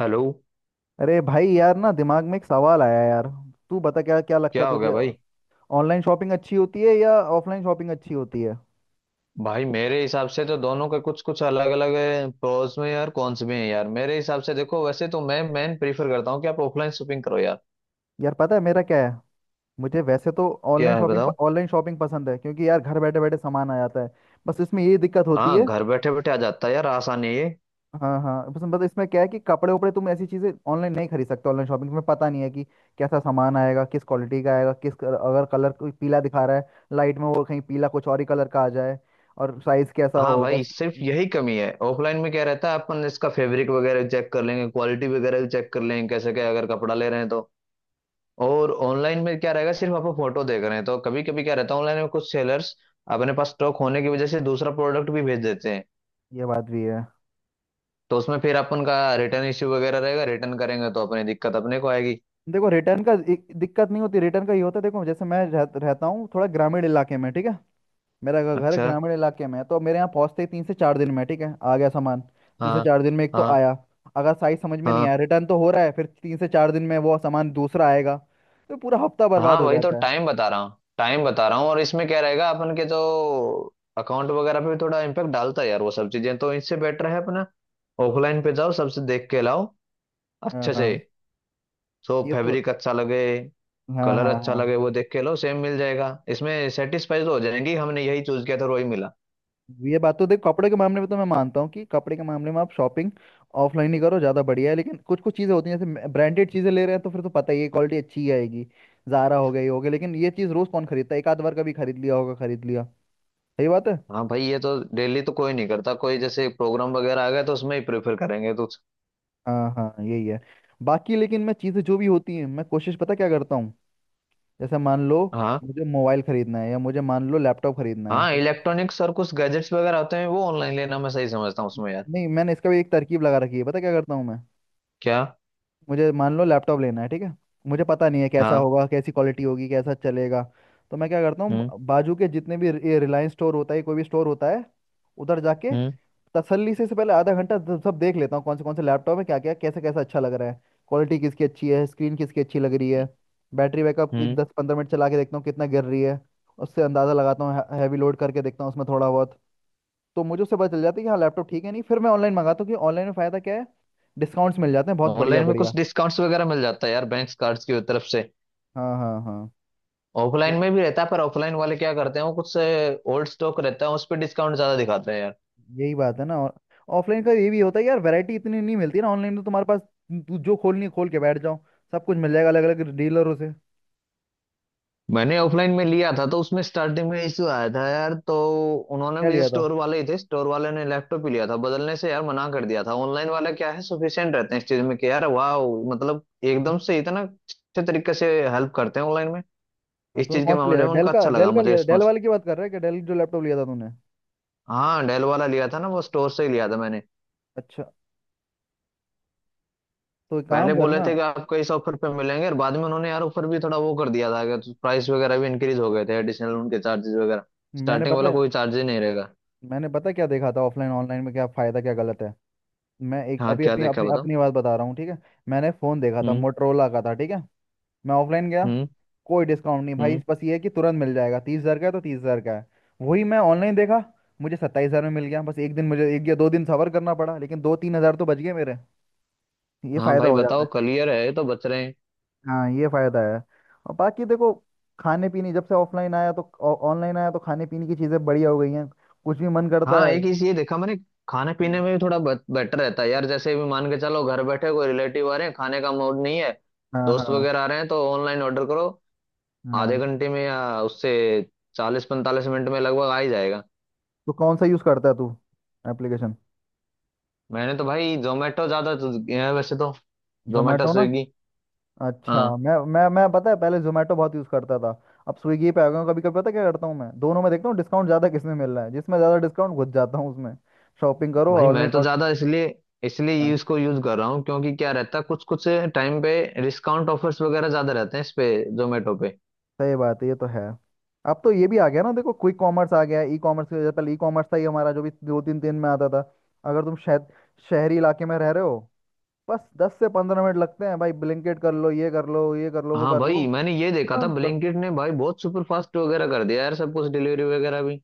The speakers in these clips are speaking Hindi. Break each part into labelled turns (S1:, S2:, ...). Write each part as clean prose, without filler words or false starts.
S1: हेलो।
S2: अरे भाई यार ना दिमाग में एक सवाल आया यार। तू बता, क्या क्या लगता
S1: क्या
S2: है
S1: हो गया
S2: तुझे?
S1: भाई।
S2: ऑनलाइन शॉपिंग अच्छी होती है या ऑफलाइन शॉपिंग अच्छी होती है?
S1: भाई मेरे हिसाब से तो दोनों के कुछ कुछ अलग अलग प्रोज में यार, कॉन्स में है यार। मेरे हिसाब से देखो, वैसे तो मैं प्रीफर करता हूँ कि आप ऑफलाइन शॉपिंग करो यार।
S2: यार, पता है मेरा क्या है। मुझे वैसे तो ऑनलाइन
S1: क्या है
S2: शॉपिंग
S1: बताओ?
S2: ऑनलाइन शॉपिंग पसंद है, क्योंकि यार घर बैठे बैठे सामान आ जाता है। बस इसमें ये दिक्कत होती
S1: हाँ,
S2: है।
S1: घर बैठे बैठे आ जाता है यार, आसान है ये।
S2: हाँ हाँ, बस बस इसमें क्या है कि कपड़े उपड़े तुम ऐसी चीज़ें ऑनलाइन नहीं खरीद सकते। ऑनलाइन शॉपिंग में पता नहीं है कि कैसा सामान आएगा, किस क्वालिटी का आएगा, किस अगर कलर कोई पीला दिखा रहा है लाइट में, वो कहीं पीला कुछ और ही कलर का आ जाए, और साइज कैसा
S1: हाँ
S2: हो बस।
S1: भाई, सिर्फ यही कमी है। ऑफलाइन में क्या रहता है, अपन इसका फैब्रिक वगैरह चेक कर लेंगे, क्वालिटी वगैरह भी चेक कर लेंगे कैसे क्या, अगर कपड़ा ले रहे हैं तो। और ऑनलाइन में क्या रहेगा, सिर्फ आप फोटो देख रहे हैं, तो कभी कभी क्या रहता है ऑनलाइन में, कुछ सेलर्स अपने पास स्टॉक होने की वजह से दूसरा प्रोडक्ट भी भेज देते हैं।
S2: ये बात भी है।
S1: तो उसमें फिर अपन का रिटर्न इश्यू वगैरह रहेगा, रिटर्न करेंगे तो अपनी दिक्कत अपने को आएगी।
S2: देखो, रिटर्न का दिक्कत नहीं होती, रिटर्न का ये होता है देखो, जैसे मैं रहता हूँ थोड़ा ग्रामीण इलाके में, ठीक है। मेरा घर
S1: अच्छा।
S2: ग्रामीण इलाके में है, तो मेरे यहाँ पहुँचते ही 3 से 4 दिन में, ठीक है, आ गया सामान तीन से
S1: हाँ।
S2: चार दिन में एक तो
S1: हाँ।
S2: आया। अगर साइज समझ में नहीं
S1: हाँ।
S2: आया रिटर्न तो हो रहा है, फिर 3 से 4 दिन में वो सामान दूसरा आएगा। तो पूरा हफ्ता बर्बाद
S1: हाँ,
S2: हो
S1: वही तो
S2: जाता है।
S1: टाइम बता रहा हूँ, टाइम बता रहा हूँ। और इसमें क्या रहेगा, अपन के जो अकाउंट वगैरह पे भी थोड़ा इम्पेक्ट डालता है यार वो सब चीजें, तो इससे बेटर है अपना ऑफलाइन पे जाओ, सबसे देख के लाओ
S2: हाँ
S1: अच्छे से।
S2: हाँ,
S1: तो
S2: ये तो।
S1: फैब्रिक अच्छा लगे,
S2: हाँ
S1: कलर
S2: हाँ
S1: अच्छा
S2: हाँ।
S1: लगे, वो देख के लो, सेम मिल जाएगा। इसमें सेटिस्फाइड हो जाएंगी, हमने यही चूज किया था और वही मिला।
S2: ये बात तो देख, कपड़े के मामले में तो मैं मानता हूँ कि कपड़े के मामले में आप शॉपिंग ऑफलाइन ही करो, ज़्यादा बढ़िया है। लेकिन कुछ कुछ चीज़ें होती हैं, जैसे ब्रांडेड चीज़ें ले रहे हैं तो फिर तो पता ही है क्वालिटी अच्छी ही आएगी। ज़ारा हो गई हो गई। लेकिन ये चीज़ रोज़ कौन खरीदता है? एक आध बार कभी खरीद लिया होगा, खरीद लिया। सही बात है।
S1: हाँ भाई, ये तो डेली तो कोई नहीं करता, कोई जैसे प्रोग्राम वगैरह आ गया तो उसमें ही प्रेफर करेंगे तो।
S2: हाँ हाँ, यही है। बाकी लेकिन मैं चीज़ें जो भी होती हैं, मैं कोशिश पता क्या करता हूँ, जैसे मान लो
S1: हाँ,
S2: मुझे मोबाइल खरीदना है, या मुझे मान लो लैपटॉप खरीदना है
S1: हाँ,
S2: तो मैं,
S1: इलेक्ट्रॉनिक्स और कुछ गैजेट्स वगैरह होते हैं वो ऑनलाइन लेना मैं सही समझता हूँ उसमें यार।
S2: नहीं मैंने इसका भी एक तरकीब लगा रखी है, पता क्या करता हूँ मैं।
S1: क्या?
S2: मुझे मान लो लैपटॉप लेना है, ठीक है। मुझे पता नहीं है कैसा
S1: हाँ।
S2: होगा, कैसी क्वालिटी होगी, कैसा चलेगा। तो मैं क्या करता
S1: हम्म।
S2: हूँ, बाजू के जितने भी ये रिलायंस स्टोर होता है, कोई भी स्टोर होता है, उधर जाके
S1: हम्म।
S2: तसल्ली से इससे पहले आधा घंटा सब सब देख लेता हूँ, कौन से लैपटॉप है, क्या क्या कैसा कैसा अच्छा लग रहा है, क्वालिटी किसकी अच्छी है, स्क्रीन किसकी अच्छी लग रही है, बैटरी बैकअप
S1: हम्म।
S2: 10 15 मिनट चला के देखता हूँ कितना गिर रही है। उससे अंदाज़ा लगाता हूँ, हैवी लोड करके देखता हूँ उसमें थोड़ा बहुत। तो मुझे उससे पता चल जाता है कि हाँ लैपटॉप ठीक है, नहीं। फिर मैं ऑनलाइन मंगाता हूँ कि ऑनलाइन में फ़ायदा क्या है, डिस्काउंट्स मिल जाते हैं बहुत बढ़िया
S1: ऑनलाइन में
S2: बढ़िया।
S1: कुछ डिस्काउंट्स वगैरह मिल जाता है यार, बैंक कार्ड्स की तरफ से।
S2: हाँ हाँ हाँ।
S1: ऑफलाइन
S2: ये-
S1: में भी रहता है, पर ऑफलाइन वाले क्या करते हैं, वो कुछ ओल्ड स्टॉक रहता है उस पर डिस्काउंट ज्यादा दिखाते हैं यार।
S2: यही बात है ना, और ऑफलाइन का ये भी होता है यार, वैरायटी इतनी नहीं मिलती ना। ऑनलाइन तो तुम्हारे पास तू जो खोलनी है, खोल के बैठ जाओ, सब कुछ मिल जाएगा अलग अलग डीलरों से।
S1: मैंने ऑफलाइन में लिया था तो उसमें स्टार्टिंग में इशू आया था यार, तो उन्होंने
S2: क्या
S1: भी,
S2: लिया था?
S1: स्टोर वाले ही थे, स्टोर वाले ने लैपटॉप ही लिया था बदलने से यार मना कर दिया था। ऑनलाइन वाला क्या है, सफिशिएंट रहते हैं इस चीज में कि यार वाह, मतलब
S2: हम्म।
S1: एकदम से इतना अच्छे तरीके से हेल्प करते हैं ऑनलाइन में।
S2: हाँ,
S1: इस
S2: तूने
S1: चीज के
S2: कौन सा लिया
S1: मामले
S2: था?
S1: में
S2: डेल
S1: उनका
S2: का,
S1: अच्छा
S2: डेल
S1: लगा
S2: का
S1: मुझे
S2: लिया था, डेल
S1: रिस्पॉन्स।
S2: वाले की बात कर रहा है कि डेल जो लैपटॉप लिया था तूने?
S1: हाँ डेल वाला लिया था ना, वो स्टोर से ही लिया था मैंने।
S2: अच्छा। तो एक
S1: पहले
S2: काम
S1: बोले
S2: करना।
S1: थे कि आपको इस ऑफर पे मिलेंगे और बाद में उन्होंने यार ऑफर भी थोड़ा वो कर दिया था कि प्राइस वगैरह भी इंक्रीज हो गए थे, एडिशनल उनके चार्जेस वगैरह।
S2: मैंने
S1: स्टार्टिंग
S2: पता
S1: वाला
S2: है
S1: कोई चार्ज ही नहीं रहेगा।
S2: मैंने पता है क्या देखा था ऑफलाइन ऑनलाइन में क्या फायदा क्या गलत है। मैं एक
S1: हाँ,
S2: अभी
S1: क्या
S2: अपनी
S1: देखा
S2: अपनी
S1: बताओ?
S2: अपनी बात बता रहा हूँ ठीक है। मैंने फोन देखा था,
S1: हम्म।
S2: मोटरोला का था, ठीक है। मैं ऑफलाइन गया,
S1: हम्म।
S2: कोई डिस्काउंट नहीं भाई,
S1: हम्म।
S2: बस ये है कि तुरंत मिल जाएगा। 30 हज़ार का है तो 30 हज़ार का है। वही मैं ऑनलाइन देखा, मुझे 27 हज़ार में मिल गया। बस एक दिन मुझे, एक या दो दिन सबर करना पड़ा, लेकिन 2 3 हज़ार तो बच गए मेरे। ये
S1: हाँ
S2: फ़ायदा
S1: भाई
S2: हो जाता
S1: बताओ,
S2: है।
S1: क्लियर है तो बच रहे हैं।
S2: हाँ, ये फ़ायदा है। और बाकी देखो, खाने पीने जब से ऑफलाइन आया तो, ऑनलाइन आया तो खाने पीने की चीज़ें बढ़िया हो गई हैं। कुछ भी मन करता
S1: हाँ
S2: है।
S1: एक चीज ये देखा मैंने, खाने पीने
S2: हम्म।
S1: में भी थोड़ा बेटर रहता है यार, जैसे भी मान के चलो घर बैठे कोई रिलेटिव आ रहे हैं, खाने का मूड नहीं है,
S2: हाँ हाँ
S1: दोस्त वगैरह आ रहे हैं तो ऑनलाइन ऑर्डर करो। आधे
S2: हाँ।
S1: घंटे में या उससे 40-45 मिनट में लगभग आ ही जाएगा।
S2: तो कौन सा यूज़ करता है तू एप्लीकेशन?
S1: मैंने तो भाई जोमेटो ज्यादा तो किया है वैसे तो, जोमेटो,
S2: जोमेटो ना?
S1: स्विगी।
S2: अच्छा,
S1: हाँ
S2: मैं पता है पहले जोमेटो बहुत यूज़ करता था, अब स्विगी पे आ गया हूँ। कभी कभी पता क्या करता हूँ मैं, दोनों में देखता हूँ डिस्काउंट ज़्यादा किसमें मिल रहा है, जिसमें ज़्यादा डिस्काउंट घुस जाता हूँ उसमें। शॉपिंग करो,
S1: भाई,
S2: ऑनलाइन
S1: मैं तो
S2: ऑर्डर।
S1: ज्यादा इसलिए इसलिए ये इसको यूज कर रहा हूँ, क्योंकि क्या रहता है, कुछ कुछ टाइम पे डिस्काउंट ऑफर्स वगैरह ज्यादा रहते हैं इस पे, जोमेटो पे।
S2: सही बात है, ये तो है। अब तो ये भी आ गया ना देखो, क्विक कॉमर्स आ गया है। ई कॉमर्स की वजह, पहले ई कॉमर्स था ही हमारा, जो भी 2 3 दिन में आता था। अगर तुम शहरी इलाके में रह रहे हो, बस 10 से 15 मिनट लगते हैं भाई, ब्लिंकिट कर लो, ये कर लो, ये कर लो, वो
S1: हाँ
S2: कर लो।
S1: भाई मैंने ये देखा था,
S2: तुरंत।
S1: ब्लिंकिट ने भाई बहुत सुपर फास्ट वगैरह कर दिया यार सब कुछ, डिलीवरी वगैरह भी।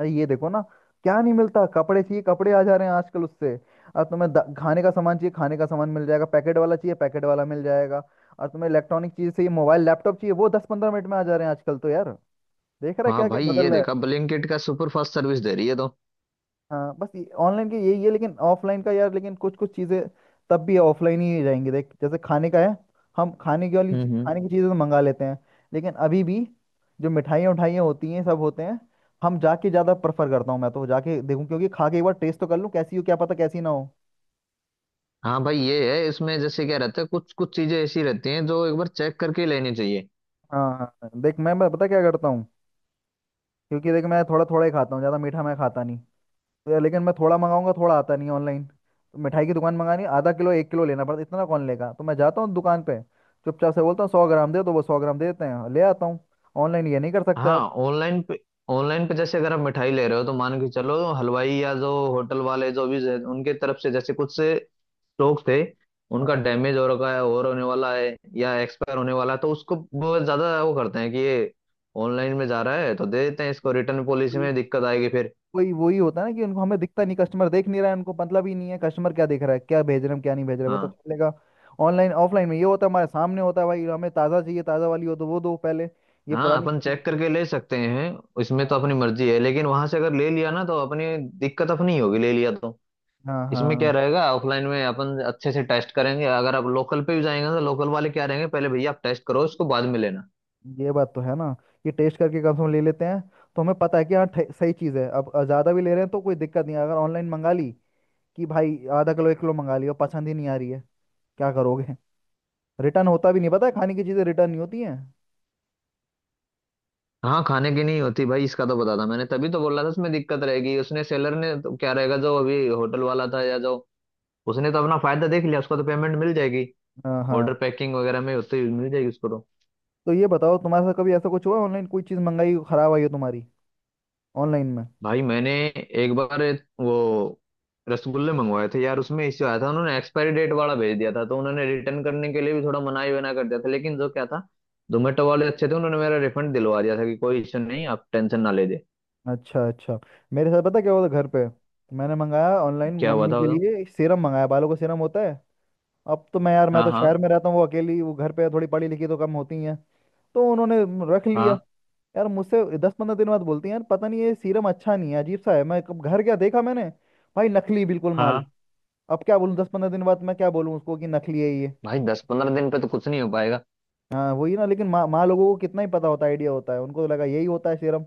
S2: अरे ये देखो ना, क्या नहीं मिलता। कपड़े चाहिए कपड़े आ जा रहे हैं आजकल उससे। और तुम्हें खाने का सामान चाहिए खाने का सामान मिल जाएगा, पैकेट वाला चाहिए पैकेट वाला मिल जाएगा। और तुम्हें इलेक्ट्रॉनिक चीज चाहिए, मोबाइल लैपटॉप चाहिए, वो 10 15 मिनट में आ जा रहे हैं आजकल तो यार। देख रहा है
S1: हाँ
S2: क्या क्या
S1: भाई ये
S2: बदल रहा
S1: देखा,
S2: है।
S1: ब्लिंकिट का सुपर फास्ट सर्विस दे रही है तो।
S2: हाँ बस, ऑनलाइन के यही है, लेकिन ऑफलाइन का यार, लेकिन कुछ कुछ चीज़ें तब भी ऑफलाइन ही रहेंगी। देख जैसे खाने का है, हम खाने की वाली
S1: हम्म। हम्म।
S2: खाने की चीज़ें तो मंगा लेते हैं, लेकिन अभी भी जो मिठाइयाँ उठाइयाँ होती हैं सब होते हैं, हम जाके ज़्यादा प्रेफर करता हूँ मैं, तो जाके देखूँ क्योंकि खा के एक बार टेस्ट तो कर लूँ कैसी हो, क्या पता कैसी ना हो।
S1: हाँ भाई ये है इसमें, जैसे क्या रहता है कुछ कुछ चीजें ऐसी रहती हैं जो एक बार चेक करके ही लेनी चाहिए।
S2: हाँ हाँ, देख मैं पता क्या करता हूँ, क्योंकि देख मैं थोड़ा थोड़ा ही खाता हूँ, ज़्यादा मीठा मैं खाता नहीं, तो लेकिन मैं थोड़ा मंगाऊंगा थोड़ा आता नहीं ऑनलाइन तो मिठाई की दुकान मंगानी आधा किलो एक किलो लेना पड़ता, इतना कौन लेगा। तो मैं जाता हूँ दुकान पे, चुपचाप से बोलता हूँ 100 ग्राम दे, तो वो 100 ग्राम दे देते हैं, ले आता हूँ। ऑनलाइन ये नहीं कर सकते आप।
S1: हाँ ऑनलाइन पे, ऑनलाइन पे जैसे अगर आप मिठाई ले रहे हो तो मान के चलो हलवाई या जो होटल वाले जो भी हैं, उनके तरफ से जैसे कुछ स्टॉक थे, उनका
S2: हाँ,
S1: डैमेज हो रखा है और होने वाला है या एक्सपायर होने वाला है तो उसको बहुत ज्यादा वो करते हैं कि ये ऑनलाइन में जा रहा है तो दे देते हैं इसको, रिटर्न पॉलिसी
S2: कोई
S1: में दिक्कत आएगी फिर।
S2: कोई वही होता है ना कि उनको हमें दिखता नहीं, कस्टमर देख नहीं रहा है, उनको मतलब ही नहीं है कस्टमर क्या देख रहा है, क्या भेज रहे हैं क्या नहीं भेज रहे हैं, वो तो
S1: हाँ,
S2: कर लेगा। ऑनलाइन ऑफलाइन में ये होता है हमारे सामने होता है, भाई हमें ताज़ा चाहिए, ताज़ा वाली हो तो वो दो पहले, ये
S1: हाँ,
S2: पुरानी।
S1: अपन चेक करके ले सकते हैं, इसमें तो
S2: हाँ
S1: अपनी मर्जी है लेकिन वहां से अगर ले लिया ना तो अपनी दिक्कत अपनी ही होगी, ले लिया तो।
S2: हाँ
S1: इसमें क्या
S2: हाँ,
S1: रहेगा, ऑफलाइन में अपन अच्छे से टेस्ट करेंगे, अगर आप लोकल पे भी जाएंगे तो लोकल वाले क्या रहेंगे, पहले भैया आप टेस्ट करो उसको, बाद में लेना।
S2: ये बात तो है ना। ये टेस्ट करके कम से कम ले लेते हैं, तो हमें पता है कि हाँ सही चीज़ है। अब ज़्यादा भी ले रहे हैं तो कोई दिक्कत नहीं है। अगर ऑनलाइन मंगा ली कि भाई आधा किलो एक किलो मंगा लिया, पसंद ही नहीं आ रही है, क्या करोगे। रिटर्न होता भी नहीं, पता है, खाने की चीज़ें रिटर्न नहीं होती हैं।
S1: हाँ खाने की नहीं होती भाई, इसका तो पता था, मैंने तभी तो बोला था उसमें दिक्कत रहेगी, उसने सेलर ने तो क्या रहेगा, जो अभी होटल वाला था या जो, उसने तो अपना फायदा देख लिया, उसको तो पेमेंट मिल जाएगी,
S2: हाँ
S1: ऑर्डर
S2: हाँ।
S1: पैकिंग वगैरह में होते ही मिल जाएगी उसको तो।
S2: तो ये बताओ तुम्हारे साथ कभी ऐसा कुछ हुआ ऑनलाइन, कोई चीज़ मंगाई ख़राब आई हो तुम्हारी ऑनलाइन में?
S1: भाई मैंने एक बार वो रसगुल्ले मंगवाए थे यार, उसमें इश्यू आया था, उन्होंने एक्सपायरी डेट वाला भेज दिया था, तो उन्होंने रिटर्न करने के लिए भी थोड़ा मनाही वना कर दिया था, लेकिन जो क्या था, जोमेटो वाले अच्छे थे, उन्होंने मेरा रिफंड दिलवा दिया था कि कोई इश्यू नहीं, आप टेंशन ना ले दे।
S2: अच्छा अच्छा। मेरे साथ पता क्या हुआ था घर पे, मैंने मंगाया ऑनलाइन,
S1: क्या हुआ
S2: मम्मी
S1: था
S2: के
S1: बताओ?
S2: लिए सीरम मंगाया, बालों का सीरम होता है। अब तो मैं यार, मैं
S1: हाँ।
S2: तो
S1: हाँ।
S2: शहर में रहता हूँ, वो अकेली वो घर पे है, थोड़ी पढ़ी लिखी तो कम होती है। तो उन्होंने रख
S1: हाँ।
S2: लिया। यार मुझसे 10 15 दिन बाद बोलती हैं यार पता नहीं ये सीरम अच्छा नहीं है, अजीब सा है। मैं कब घर गया देखा मैंने, भाई नकली बिल्कुल माल।
S1: हाँ
S2: अब क्या बोलूँ, 10 15 दिन बाद मैं क्या बोलूँ उसको कि नकली है ये।
S1: भाई, 10-15 दिन पे तो कुछ नहीं हो पाएगा।
S2: हाँ वही ना, लेकिन माँ माँ लोगों को कितना ही पता होता है, आइडिया होता है, उनको तो लगा यही होता है सीरम,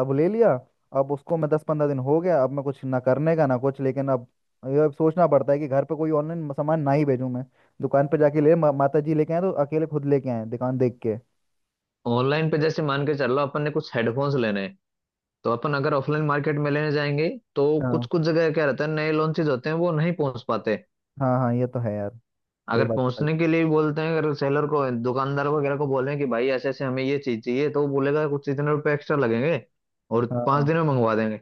S2: अब ले लिया। अब उसको मैं 10 15 दिन हो गया, अब मैं कुछ ना करने का ना कुछ, लेकिन अब ये अब सोचना पड़ता है कि घर पे कोई ऑनलाइन सामान ना ही भेजूं मैं, दुकान पे जाके ले, माता जी लेके आए तो अकेले खुद लेके आए, दुकान देख के।
S1: ऑनलाइन पे जैसे मान के चल लो अपन ने कुछ हेडफोन्स लेने हैं, तो अपन अगर ऑफलाइन मार्केट में लेने जाएंगे तो कुछ
S2: हाँ
S1: कुछ जगह क्या रहता है, नए लॉन्चेज होते हैं वो नहीं पहुंच पाते।
S2: हाँ हाँ, ये तो है यार, सही
S1: अगर
S2: बात है।
S1: पहुंचने के लिए भी बोलते हैं, अगर सेलर को, दुकानदार वगैरह को बोले कि भाई ऐसे ऐसे हमें ये चीज चाहिए, तो वो बोलेगा कुछ इतने रुपए एक्स्ट्रा लगेंगे और
S2: हाँ
S1: पांच
S2: हाँ।
S1: दिन में मंगवा देंगे।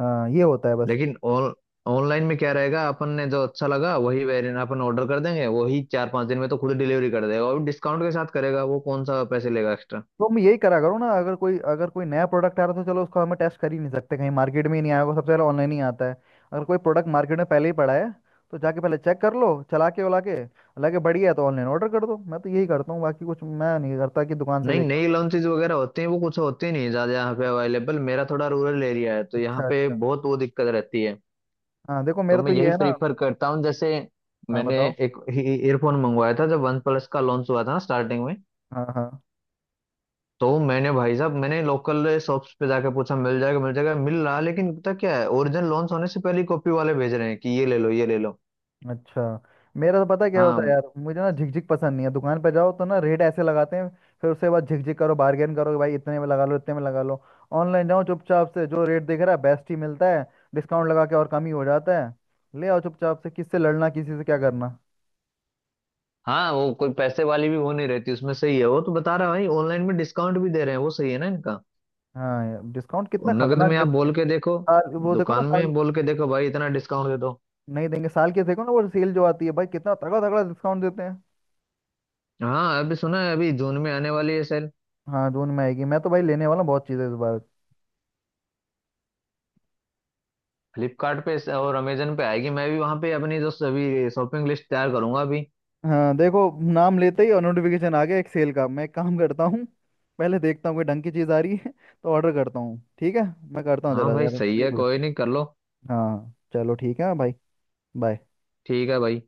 S2: हाँ ये होता है बस।
S1: लेकिन ऑन ऑनलाइन में क्या रहेगा, अपन ने जो अच्छा लगा वही वेरिएंट अपन ऑर्डर कर देंगे, वही 4-5 दिन में तो खुद डिलीवरी कर देगा और डिस्काउंट के साथ करेगा, वो कौन सा पैसे लेगा।
S2: तो हम यही करा करो ना, अगर कोई, अगर कोई नया प्रोडक्ट आ रहा है तो चलो उसको हमें टेस्ट कर ही नहीं सकते, कहीं मार्केट में ही नहीं आया होगा, सबसे पहले ऑनलाइन ही आता है। अगर कोई प्रोडक्ट मार्केट में पहले ही पड़ा है, तो जाके पहले चेक कर लो चला के उला के, लगे बढ़िया है तो ऑनलाइन ऑर्डर कर दो। मैं तो यही करता हूँ, बाकी कुछ मैं नहीं करता कि दुकान से
S1: नहीं,
S2: लेके आऊं
S1: नई
S2: कुछ।
S1: लॉन्चेज वगैरह होती हैं वो कुछ होती नहीं है ज्यादा यहाँ पे अवेलेबल, मेरा थोड़ा रूरल एरिया है तो यहाँ
S2: अच्छा
S1: पे
S2: अच्छा।
S1: बहुत वो दिक्कत रहती है।
S2: हाँ देखो,
S1: तो
S2: मेरा तो
S1: मैं
S2: ये
S1: यही
S2: है ना।
S1: प्रीफर करता हूँ, जैसे
S2: हाँ
S1: मैंने
S2: बताओ।
S1: एक ईयरफोन मंगवाया था जब वन प्लस का लॉन्च हुआ था ना स्टार्टिंग में,
S2: हाँ हाँ।
S1: तो मैंने भाई साहब मैंने लोकल शॉप्स पे जाके पूछा, मिल जाएगा मिल जाएगा मिल रहा, लेकिन पता क्या है ओरिजिनल लॉन्च होने से पहले ही कॉपी वाले भेज रहे हैं कि ये ले लो ये ले लो।
S2: अच्छा, मेरा तो पता है क्या होता है
S1: हाँ,
S2: यार, मुझे ना झिकझिक पसंद नहीं है। दुकान पे जाओ तो ना रेट ऐसे लगाते हैं, फिर उसके बाद झिकझिक करो, बार्गेन करो कि भाई इतने में लगा लो इतने में लगा लो। ऑनलाइन जाओ चुपचाप से, जो रेट दिख रहा है बेस्ट ही मिलता है, डिस्काउंट लगा के और कम ही हो जाता है। ले आओ चुपचाप से, किससे लड़ना, किसी से क्या करना।
S1: हाँ, वो कोई पैसे वाली भी वो नहीं रहती उसमें, सही है वो, तो बता रहा है भाई ऑनलाइन में डिस्काउंट भी दे रहे हैं वो, सही है ना इनका।
S2: हाँ यार, डिस्काउंट कितना
S1: नगद
S2: खतरनाक
S1: में आप
S2: देते हैं।
S1: बोल के देखो,
S2: साल वो देखो ना
S1: दुकान
S2: साल
S1: में बोल के देखो भाई इतना डिस्काउंट दे दो।
S2: नहीं देंगे। साल के देखो ना वो सेल जो आती है भाई, कितना तगड़ा तगड़ा डिस्काउंट देते हैं।
S1: हाँ अभी सुना है अभी जून में आने वाली है सेल,
S2: हाँ जून में आएगी, मैं तो भाई लेने वाला हूँ बहुत चीज़ें इस बार।
S1: फ्लिपकार्ट पे और अमेजन पे आएगी, मैं भी वहां पे अपनी जो अभी शॉपिंग लिस्ट तैयार करूंगा अभी।
S2: हाँ देखो, नाम लेते ही और नोटिफिकेशन आ गया एक सेल का। मैं एक काम करता हूँ, पहले देखता हूँ कोई ढंग की चीज़ आ रही है तो ऑर्डर करता हूँ, ठीक है। मैं करता हूँ
S1: हाँ
S2: जरा
S1: भाई
S2: जरा
S1: सही है,
S2: देख ले।
S1: कोई नहीं, कर लो।
S2: हाँ चलो ठीक है, हाँ भाई, बाय।
S1: ठीक है भाई।